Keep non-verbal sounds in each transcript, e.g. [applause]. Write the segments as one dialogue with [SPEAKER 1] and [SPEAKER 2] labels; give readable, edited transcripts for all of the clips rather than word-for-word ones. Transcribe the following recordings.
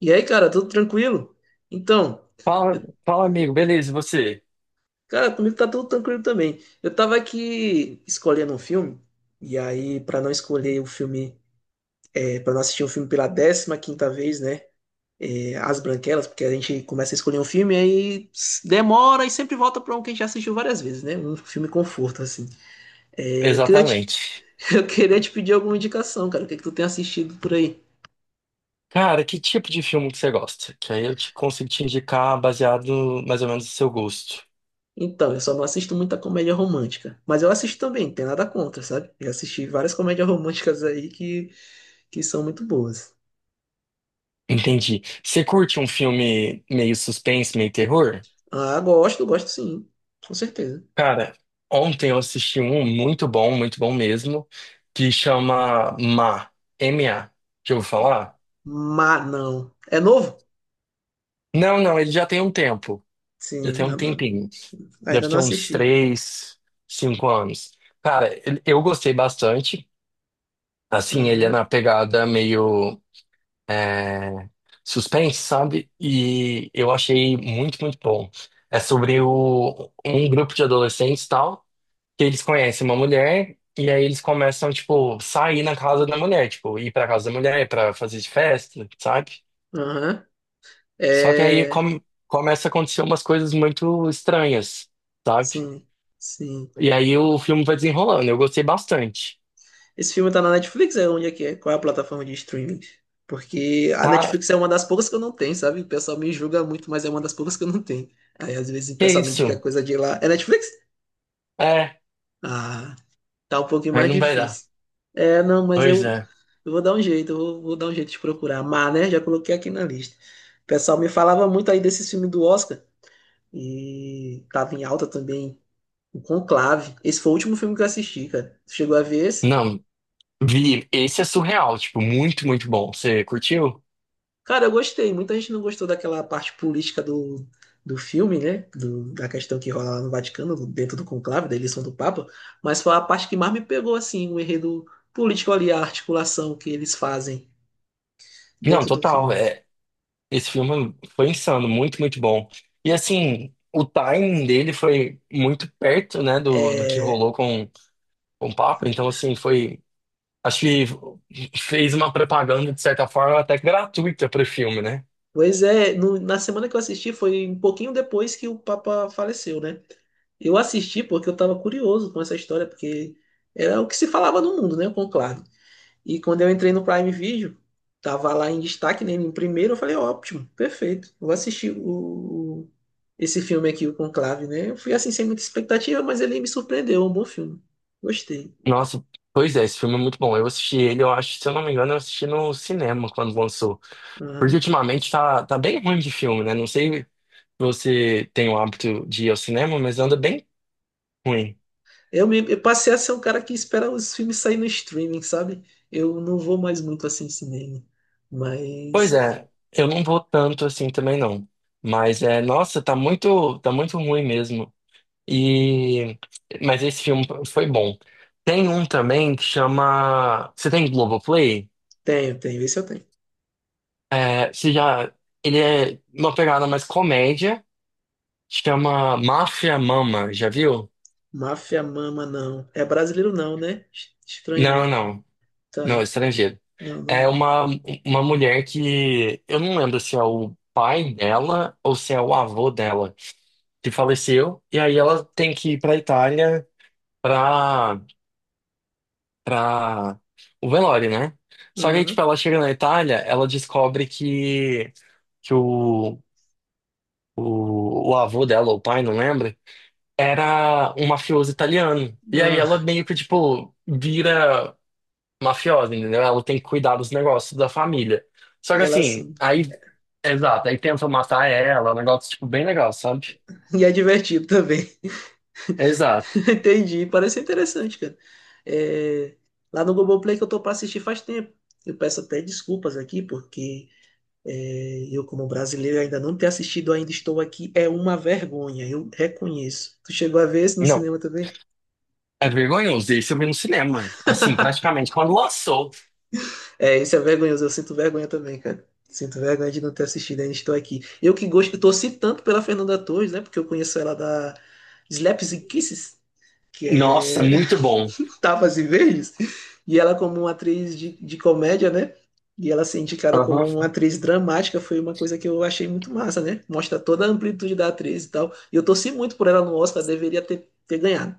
[SPEAKER 1] E aí, cara, tudo tranquilo? Então,
[SPEAKER 2] Fala,
[SPEAKER 1] eu-
[SPEAKER 2] fala, amigo. Beleza, e você?
[SPEAKER 1] cara, comigo tá tudo tranquilo também. Eu tava aqui escolhendo um filme, e aí, pra não escolher o filme, para não assistir um filme pela décima quinta vez, né? As Branquelas, porque a gente começa a escolher um filme, aí demora e sempre volta pra um que a gente já assistiu várias vezes, né? Um filme conforto, assim. É, eu queria te,
[SPEAKER 2] Exatamente.
[SPEAKER 1] [laughs] eu queria te pedir alguma indicação, cara. O que que tu tem assistido por aí?
[SPEAKER 2] Cara, que tipo de filme que você gosta? Que aí eu te consigo te indicar baseado mais ou menos no seu gosto.
[SPEAKER 1] Então, eu só não assisto muita comédia romântica. Mas eu assisto também, não tem nada contra, sabe? Eu assisti várias comédias românticas aí que são muito boas.
[SPEAKER 2] Entendi. Você curte um filme meio suspense, meio terror?
[SPEAKER 1] Ah, gosto, gosto sim, com certeza.
[SPEAKER 2] Cara, ontem eu assisti um muito bom mesmo, que chama Ma, M M.A. Já ouviu falar?
[SPEAKER 1] Mas não. É novo?
[SPEAKER 2] Não, não, ele já tem um tempo. Já
[SPEAKER 1] Sim,
[SPEAKER 2] tem
[SPEAKER 1] ainda
[SPEAKER 2] um
[SPEAKER 1] não,
[SPEAKER 2] tempinho. Deve
[SPEAKER 1] ainda não
[SPEAKER 2] ter uns
[SPEAKER 1] assisti.
[SPEAKER 2] três, cinco anos. Cara, eu gostei bastante. Assim, ele é
[SPEAKER 1] Aham,
[SPEAKER 2] na pegada meio é, suspense, sabe? E eu achei muito, muito bom. É sobre um grupo de adolescentes e tal, que eles conhecem uma mulher e aí eles começam, tipo, sair na casa da mulher, tipo, ir pra casa da mulher pra fazer festa, sabe?
[SPEAKER 1] aham.
[SPEAKER 2] Só que aí
[SPEAKER 1] É.
[SPEAKER 2] começa a acontecer umas coisas muito estranhas, sabe?
[SPEAKER 1] Sim, sim.
[SPEAKER 2] E aí o filme vai desenrolando. Eu gostei bastante.
[SPEAKER 1] Esse filme tá na Netflix? É onde é que é? Qual é a plataforma de streaming? Porque a
[SPEAKER 2] Tá?
[SPEAKER 1] Netflix é uma das poucas que eu não tenho, sabe? O pessoal me julga muito, mas é uma das poucas que eu não tenho. Aí às vezes o
[SPEAKER 2] Que
[SPEAKER 1] pessoal me indica
[SPEAKER 2] isso?
[SPEAKER 1] coisa de lá. É Netflix?
[SPEAKER 2] É,
[SPEAKER 1] Ah, tá um pouquinho
[SPEAKER 2] aí
[SPEAKER 1] mais
[SPEAKER 2] não vai dar.
[SPEAKER 1] difícil. É, não, mas
[SPEAKER 2] Pois
[SPEAKER 1] eu,
[SPEAKER 2] é.
[SPEAKER 1] eu vou dar um jeito, eu vou dar um jeito de procurar. Mané, já coloquei aqui na lista. O pessoal me falava muito aí desse filme do Oscar, e tava em alta também, o Conclave. Esse foi o último filme que eu assisti, cara. Tu chegou a ver esse?
[SPEAKER 2] Não, vi, esse é surreal, tipo, muito, muito bom. Você curtiu?
[SPEAKER 1] Cara, eu gostei. Muita gente não gostou daquela parte política do filme, né? Da questão que rola lá no Vaticano, dentro do Conclave, da eleição do Papa, mas foi a parte que mais me pegou, assim, o enredo político ali, a articulação que eles fazem
[SPEAKER 2] Não,
[SPEAKER 1] dentro do
[SPEAKER 2] total,
[SPEAKER 1] filme.
[SPEAKER 2] é, esse filme foi insano, muito, muito bom. E assim, o timing dele foi muito perto, né, do que
[SPEAKER 1] É,
[SPEAKER 2] rolou com o Papa, então assim, foi, acho que fez uma propaganda, de certa forma, até gratuita pro filme, né?
[SPEAKER 1] pois é, na semana que eu assisti foi um pouquinho depois que o Papa faleceu, né? Eu assisti porque eu estava curioso com essa história, porque era o que se falava no mundo, né? O Conclave. E quando eu entrei no Prime Video, tava lá em destaque, né? Em primeiro, eu falei, ótimo, perfeito. Vou assistir esse filme aqui, o Conclave, né? Eu fui assim sem muita expectativa, mas ele me surpreendeu, é um bom filme. Gostei.
[SPEAKER 2] Nossa, pois é, esse filme é muito bom. Eu assisti ele, eu acho, se eu não me engano, eu assisti no cinema quando lançou. Porque
[SPEAKER 1] Aham.
[SPEAKER 2] ultimamente tá bem ruim de filme, né? Não sei. Você tem o hábito de ir ao cinema, mas anda bem ruim.
[SPEAKER 1] Eu passei a ser um cara que espera os filmes saírem no streaming, sabe? Eu não vou mais muito assim em cinema.
[SPEAKER 2] Pois
[SPEAKER 1] Mas
[SPEAKER 2] é, eu não vou tanto assim também não. Mas é, nossa, tá muito, tá muito ruim mesmo. E mas esse filme foi bom. Tem um também que chama, você tem Globoplay?
[SPEAKER 1] tenho, tenho, esse eu tenho.
[SPEAKER 2] É, você já, ele é uma pegada mais comédia, chama Máfia Mama, já viu?
[SPEAKER 1] Máfia Mama, não. É brasileiro, não, né?
[SPEAKER 2] Não,
[SPEAKER 1] Estrangeiro.
[SPEAKER 2] não. Não,
[SPEAKER 1] Tá.
[SPEAKER 2] estrangeiro.
[SPEAKER 1] Não, não
[SPEAKER 2] É
[SPEAKER 1] vi.
[SPEAKER 2] uma mulher que eu não lembro se é o pai dela ou se é o avô dela que faleceu, e aí ela tem que ir pra Itália pra, pra o velório, né? Só que aí, tipo,
[SPEAKER 1] Ah,
[SPEAKER 2] ela chega na Itália, ela descobre que o avô dela, ou o pai, não lembro, era um mafioso italiano. E aí
[SPEAKER 1] ah,
[SPEAKER 2] ela meio que, tipo, vira mafiosa, entendeu? Ela tem que cuidar dos negócios da família. Só que
[SPEAKER 1] ela
[SPEAKER 2] assim,
[SPEAKER 1] sim.
[SPEAKER 2] aí, exato, aí tentam matar ela, um negócio, tipo, bem legal, sabe?
[SPEAKER 1] E é divertido também. [laughs]
[SPEAKER 2] Exato.
[SPEAKER 1] Entendi. Parece interessante, cara. É, lá no Globoplay que eu tô pra assistir faz tempo. Eu peço até desculpas aqui, porque eu, como brasileiro, ainda não ter assistido Ainda Estou Aqui é uma vergonha, eu reconheço. Tu chegou a ver esse no
[SPEAKER 2] Não,
[SPEAKER 1] cinema também?
[SPEAKER 2] é vergonhoso. Esse eu vi no cinema, assim,
[SPEAKER 1] [laughs]
[SPEAKER 2] praticamente, quando lançou.
[SPEAKER 1] É, isso é vergonhoso, eu sinto vergonha também, cara. Sinto vergonha de não ter assistido Ainda Estou Aqui. Eu que gosto, eu torci tanto pela Fernanda Torres, né? Porque eu conheço ela da Slaps and Kisses, que
[SPEAKER 2] Nossa,
[SPEAKER 1] é
[SPEAKER 2] muito bom.
[SPEAKER 1] tapas e verdes. E ela, como uma atriz de comédia, né? E ela ser indicada como
[SPEAKER 2] Aham.
[SPEAKER 1] uma atriz dramática foi uma coisa que eu achei muito massa, né? Mostra toda a amplitude da atriz e tal. E eu torci muito por ela no Oscar, deveria ter ganhado.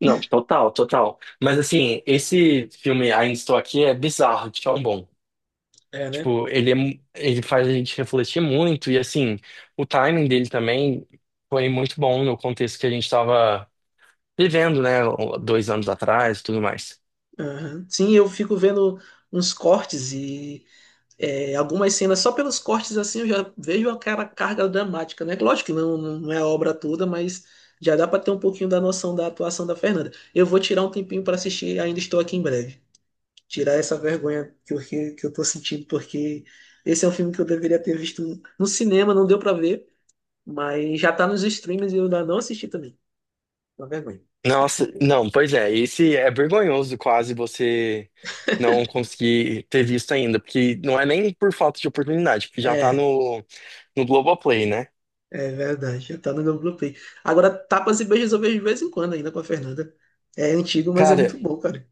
[SPEAKER 2] Não, total, total. Mas assim, esse filme Ainda Estou Aqui é bizarro, de tão bom.
[SPEAKER 1] É, né?
[SPEAKER 2] Tipo, ele, ele faz a gente refletir muito e assim, o timing dele também foi muito bom no contexto que a gente estava vivendo, né? Dois anos atrás, tudo mais.
[SPEAKER 1] Aham. Sim, eu fico vendo uns cortes e algumas cenas, só pelos cortes assim eu já vejo aquela carga dramática, né? Lógico que não, não é a obra toda, mas já dá para ter um pouquinho da noção da atuação da Fernanda. Eu vou tirar um tempinho para assistir Ainda Estou Aqui em breve. Tirar essa vergonha que eu tô sentindo, porque esse é um filme que eu deveria ter visto no cinema, não deu pra ver, mas já tá nos streams e eu ainda não assisti também. Uma vergonha.
[SPEAKER 2] Nossa, não, pois é, esse é vergonhoso quase você não conseguir ter visto ainda, porque não é nem por falta de oportunidade, porque já tá
[SPEAKER 1] É,
[SPEAKER 2] no Globoplay, né?
[SPEAKER 1] é verdade, já tá no meu Globoplay. Agora, Tapas e Beijos eu vejo de vez em quando ainda com a Fernanda. É antigo, mas é
[SPEAKER 2] Cara,
[SPEAKER 1] muito bom, cara.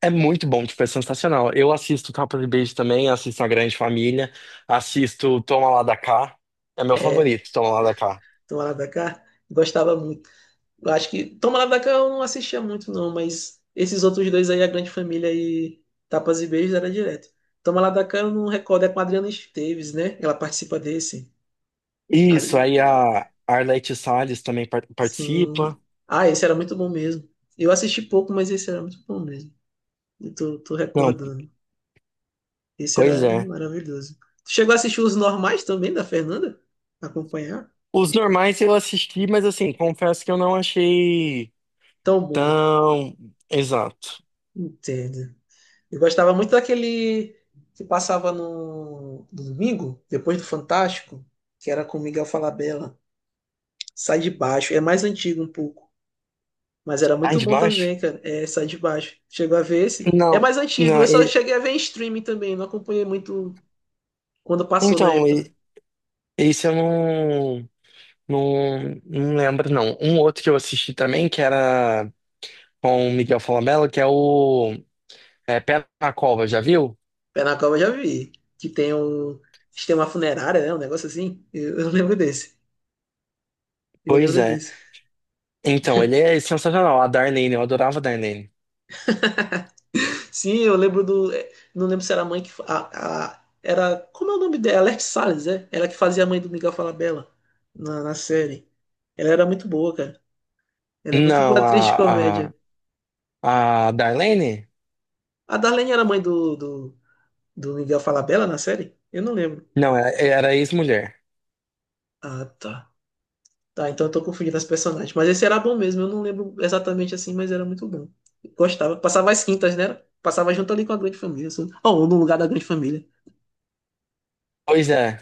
[SPEAKER 2] é muito bom, tipo, é sensacional. Eu assisto Capa de Beijo também, assisto A Grande Família, assisto Toma Lá da Cá, é meu
[SPEAKER 1] É,
[SPEAKER 2] favorito, Toma Lá da Cá.
[SPEAKER 1] Tomara da Cá, gostava muito. Eu acho que Toma Lá da Cá eu não assistia muito, não, mas esses outros dois aí, A Grande Família e Tapas e Beijos, era direto. Toma Lá da Cá eu não recordo, é com a Adriana Esteves, né? Ela participa desse. A-
[SPEAKER 2] Isso, aí a Arlete Salles também
[SPEAKER 1] Sim.
[SPEAKER 2] participa.
[SPEAKER 1] Ah, esse era muito bom mesmo. Eu assisti pouco, mas esse era muito bom mesmo. Eu tô
[SPEAKER 2] Não,
[SPEAKER 1] recordando. Esse
[SPEAKER 2] pois
[SPEAKER 1] era
[SPEAKER 2] é.
[SPEAKER 1] maravilhoso. Tu chegou a assistir Os Normais também, da Fernanda? Acompanhar?
[SPEAKER 2] Os normais eu assisti, mas assim, confesso que eu não achei
[SPEAKER 1] Tão bom.
[SPEAKER 2] tão exato.
[SPEAKER 1] Entendo. Eu gostava muito daquele que passava no domingo, depois do Fantástico, que era com Miguel Falabella. Sai de baixo. É mais antigo um pouco. Mas era
[SPEAKER 2] Ah,
[SPEAKER 1] muito
[SPEAKER 2] de
[SPEAKER 1] bom
[SPEAKER 2] baixo?
[SPEAKER 1] também, cara. É, Sai de baixo. Chegou a ver esse? É
[SPEAKER 2] Não,
[SPEAKER 1] mais antigo.
[SPEAKER 2] não.
[SPEAKER 1] Eu só cheguei a ver em streaming também. Não acompanhei muito quando passou na
[SPEAKER 2] Então,
[SPEAKER 1] época, né?
[SPEAKER 2] esse eu não, não, não lembro, não. Um outro que eu assisti também, que era com o Miguel Falabella, que é o é, Pé na Cova, já viu?
[SPEAKER 1] Pé na Cova eu já vi. Que tem um sistema funerário, né? Um negócio assim. Eu lembro desse. Eu
[SPEAKER 2] Pois
[SPEAKER 1] lembro
[SPEAKER 2] é.
[SPEAKER 1] desse.
[SPEAKER 2] Então, ele é sensacional. A Darlene, eu adorava a Darlene.
[SPEAKER 1] Sim, eu lembro do. Não lembro se era a mãe que era. Como é o nome dela? Alerte Salles, é? Ela que fazia a mãe do Miguel Falabella na série. Ela era muito boa, cara. Ela é muito boa
[SPEAKER 2] Não,
[SPEAKER 1] atriz de comédia.
[SPEAKER 2] a Darlene?
[SPEAKER 1] A Darlene era a mãe do Miguel Falabella na série? Eu não lembro.
[SPEAKER 2] Não, era ex-mulher.
[SPEAKER 1] Ah, tá. Tá, então eu tô confundindo as personagens. Mas esse era bom mesmo. Eu não lembro exatamente assim, mas era muito bom. Gostava. Passava as quintas, né? Passava junto ali com a Grande Família, assim. Ou no lugar da Grande Família.
[SPEAKER 2] Pois é,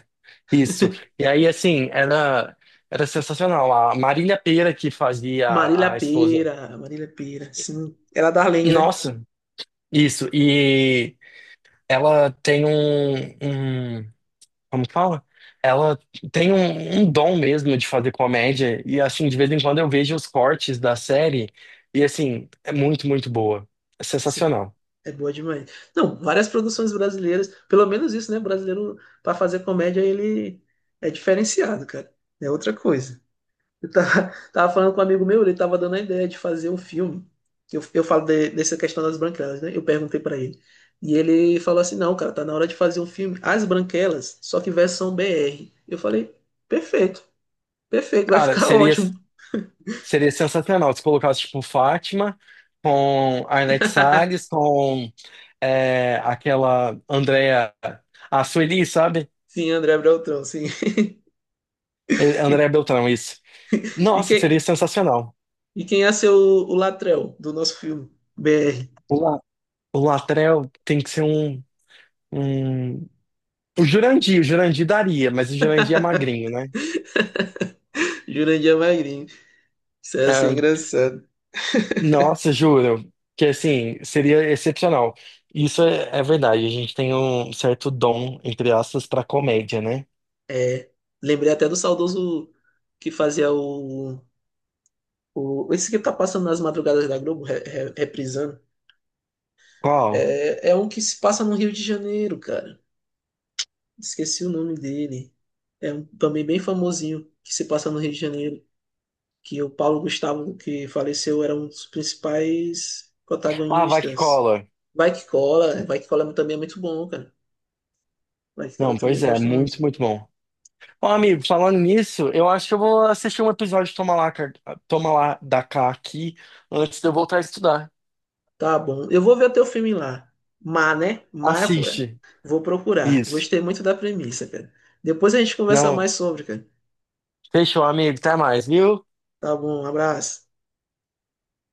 [SPEAKER 2] isso. E aí, assim, era, era sensacional. A Marília Pêra que fazia
[SPEAKER 1] Marília
[SPEAKER 2] a esposa.
[SPEAKER 1] Pêra. Marília Pêra, sim. Era a Darlene, né?
[SPEAKER 2] Nossa, isso. E ela tem um, um- como que fala? Ela tem um, um dom mesmo de fazer comédia. E, assim, de vez em quando eu vejo os cortes da série. E, assim, é muito, muito boa. É
[SPEAKER 1] Cê-
[SPEAKER 2] sensacional.
[SPEAKER 1] É boa demais. Não, várias produções brasileiras, pelo menos isso, né? Brasileiro, para fazer comédia, ele é diferenciado, cara. É outra coisa. Eu [laughs] tava falando com um amigo meu, ele tava dando a ideia de fazer um filme. Eu falo dessa questão das branquelas, né? Eu perguntei para ele. E ele falou assim: não, cara, tá na hora de fazer um filme. As branquelas, só que versão BR. Eu falei: perfeito, perfeito, vai
[SPEAKER 2] Cara,
[SPEAKER 1] ficar
[SPEAKER 2] seria.
[SPEAKER 1] ótimo.
[SPEAKER 2] Seria sensacional se colocasse, tipo, Fátima com Arnete Arlete Salles,
[SPEAKER 1] [laughs]
[SPEAKER 2] com é, aquela Andrea... A Sueli, sabe?
[SPEAKER 1] Sim, André Beltrão, sim. [laughs]
[SPEAKER 2] É,
[SPEAKER 1] E,
[SPEAKER 2] Andrea Beltrão, isso.
[SPEAKER 1] e
[SPEAKER 2] Nossa,
[SPEAKER 1] quem,
[SPEAKER 2] seria sensacional.
[SPEAKER 1] E quem ia ser o Latrell do nosso filme? BR.
[SPEAKER 2] O, La- o Latrell tem que ser um, um... o Jurandir daria, mas o Jurandir é magrinho, né?
[SPEAKER 1] [laughs] Jurandir é Magrinho. Isso ia ser
[SPEAKER 2] É,
[SPEAKER 1] engraçado.
[SPEAKER 2] nossa, juro. Que, assim, seria excepcional. Isso é, é verdade, a gente tem um certo dom, entre aspas, pra comédia, né?
[SPEAKER 1] É. Lembrei até do saudoso que fazia o. o esse que tá passando nas madrugadas da Globo, reprisando.
[SPEAKER 2] Qual?
[SPEAKER 1] É, é um que se passa no Rio de Janeiro, cara. Esqueci o nome dele. É um, também bem famosinho que se passa no Rio de Janeiro, que o Paulo Gustavo, que faleceu, era um dos principais
[SPEAKER 2] Ah, vai que
[SPEAKER 1] protagonistas.
[SPEAKER 2] cola.
[SPEAKER 1] Vai que cola também é muito bom, cara. Vai que cola
[SPEAKER 2] Não,
[SPEAKER 1] também
[SPEAKER 2] pois
[SPEAKER 1] eu
[SPEAKER 2] é,
[SPEAKER 1] gosto muito.
[SPEAKER 2] muito, muito bom. Ó, amigo, falando nisso, eu acho que eu vou assistir um episódio de Toma Lá, Toma Lá da Cá aqui antes de eu voltar a estudar.
[SPEAKER 1] Tá bom. Eu vou ver o teu filme lá. Má, né? Má, vou
[SPEAKER 2] Assiste.
[SPEAKER 1] vou procurar.
[SPEAKER 2] Isso.
[SPEAKER 1] Gostei muito da premissa, cara. Depois a gente conversa mais
[SPEAKER 2] Não,
[SPEAKER 1] sobre, cara.
[SPEAKER 2] fechou, amigo. Até mais, viu?
[SPEAKER 1] Tá bom, um abraço.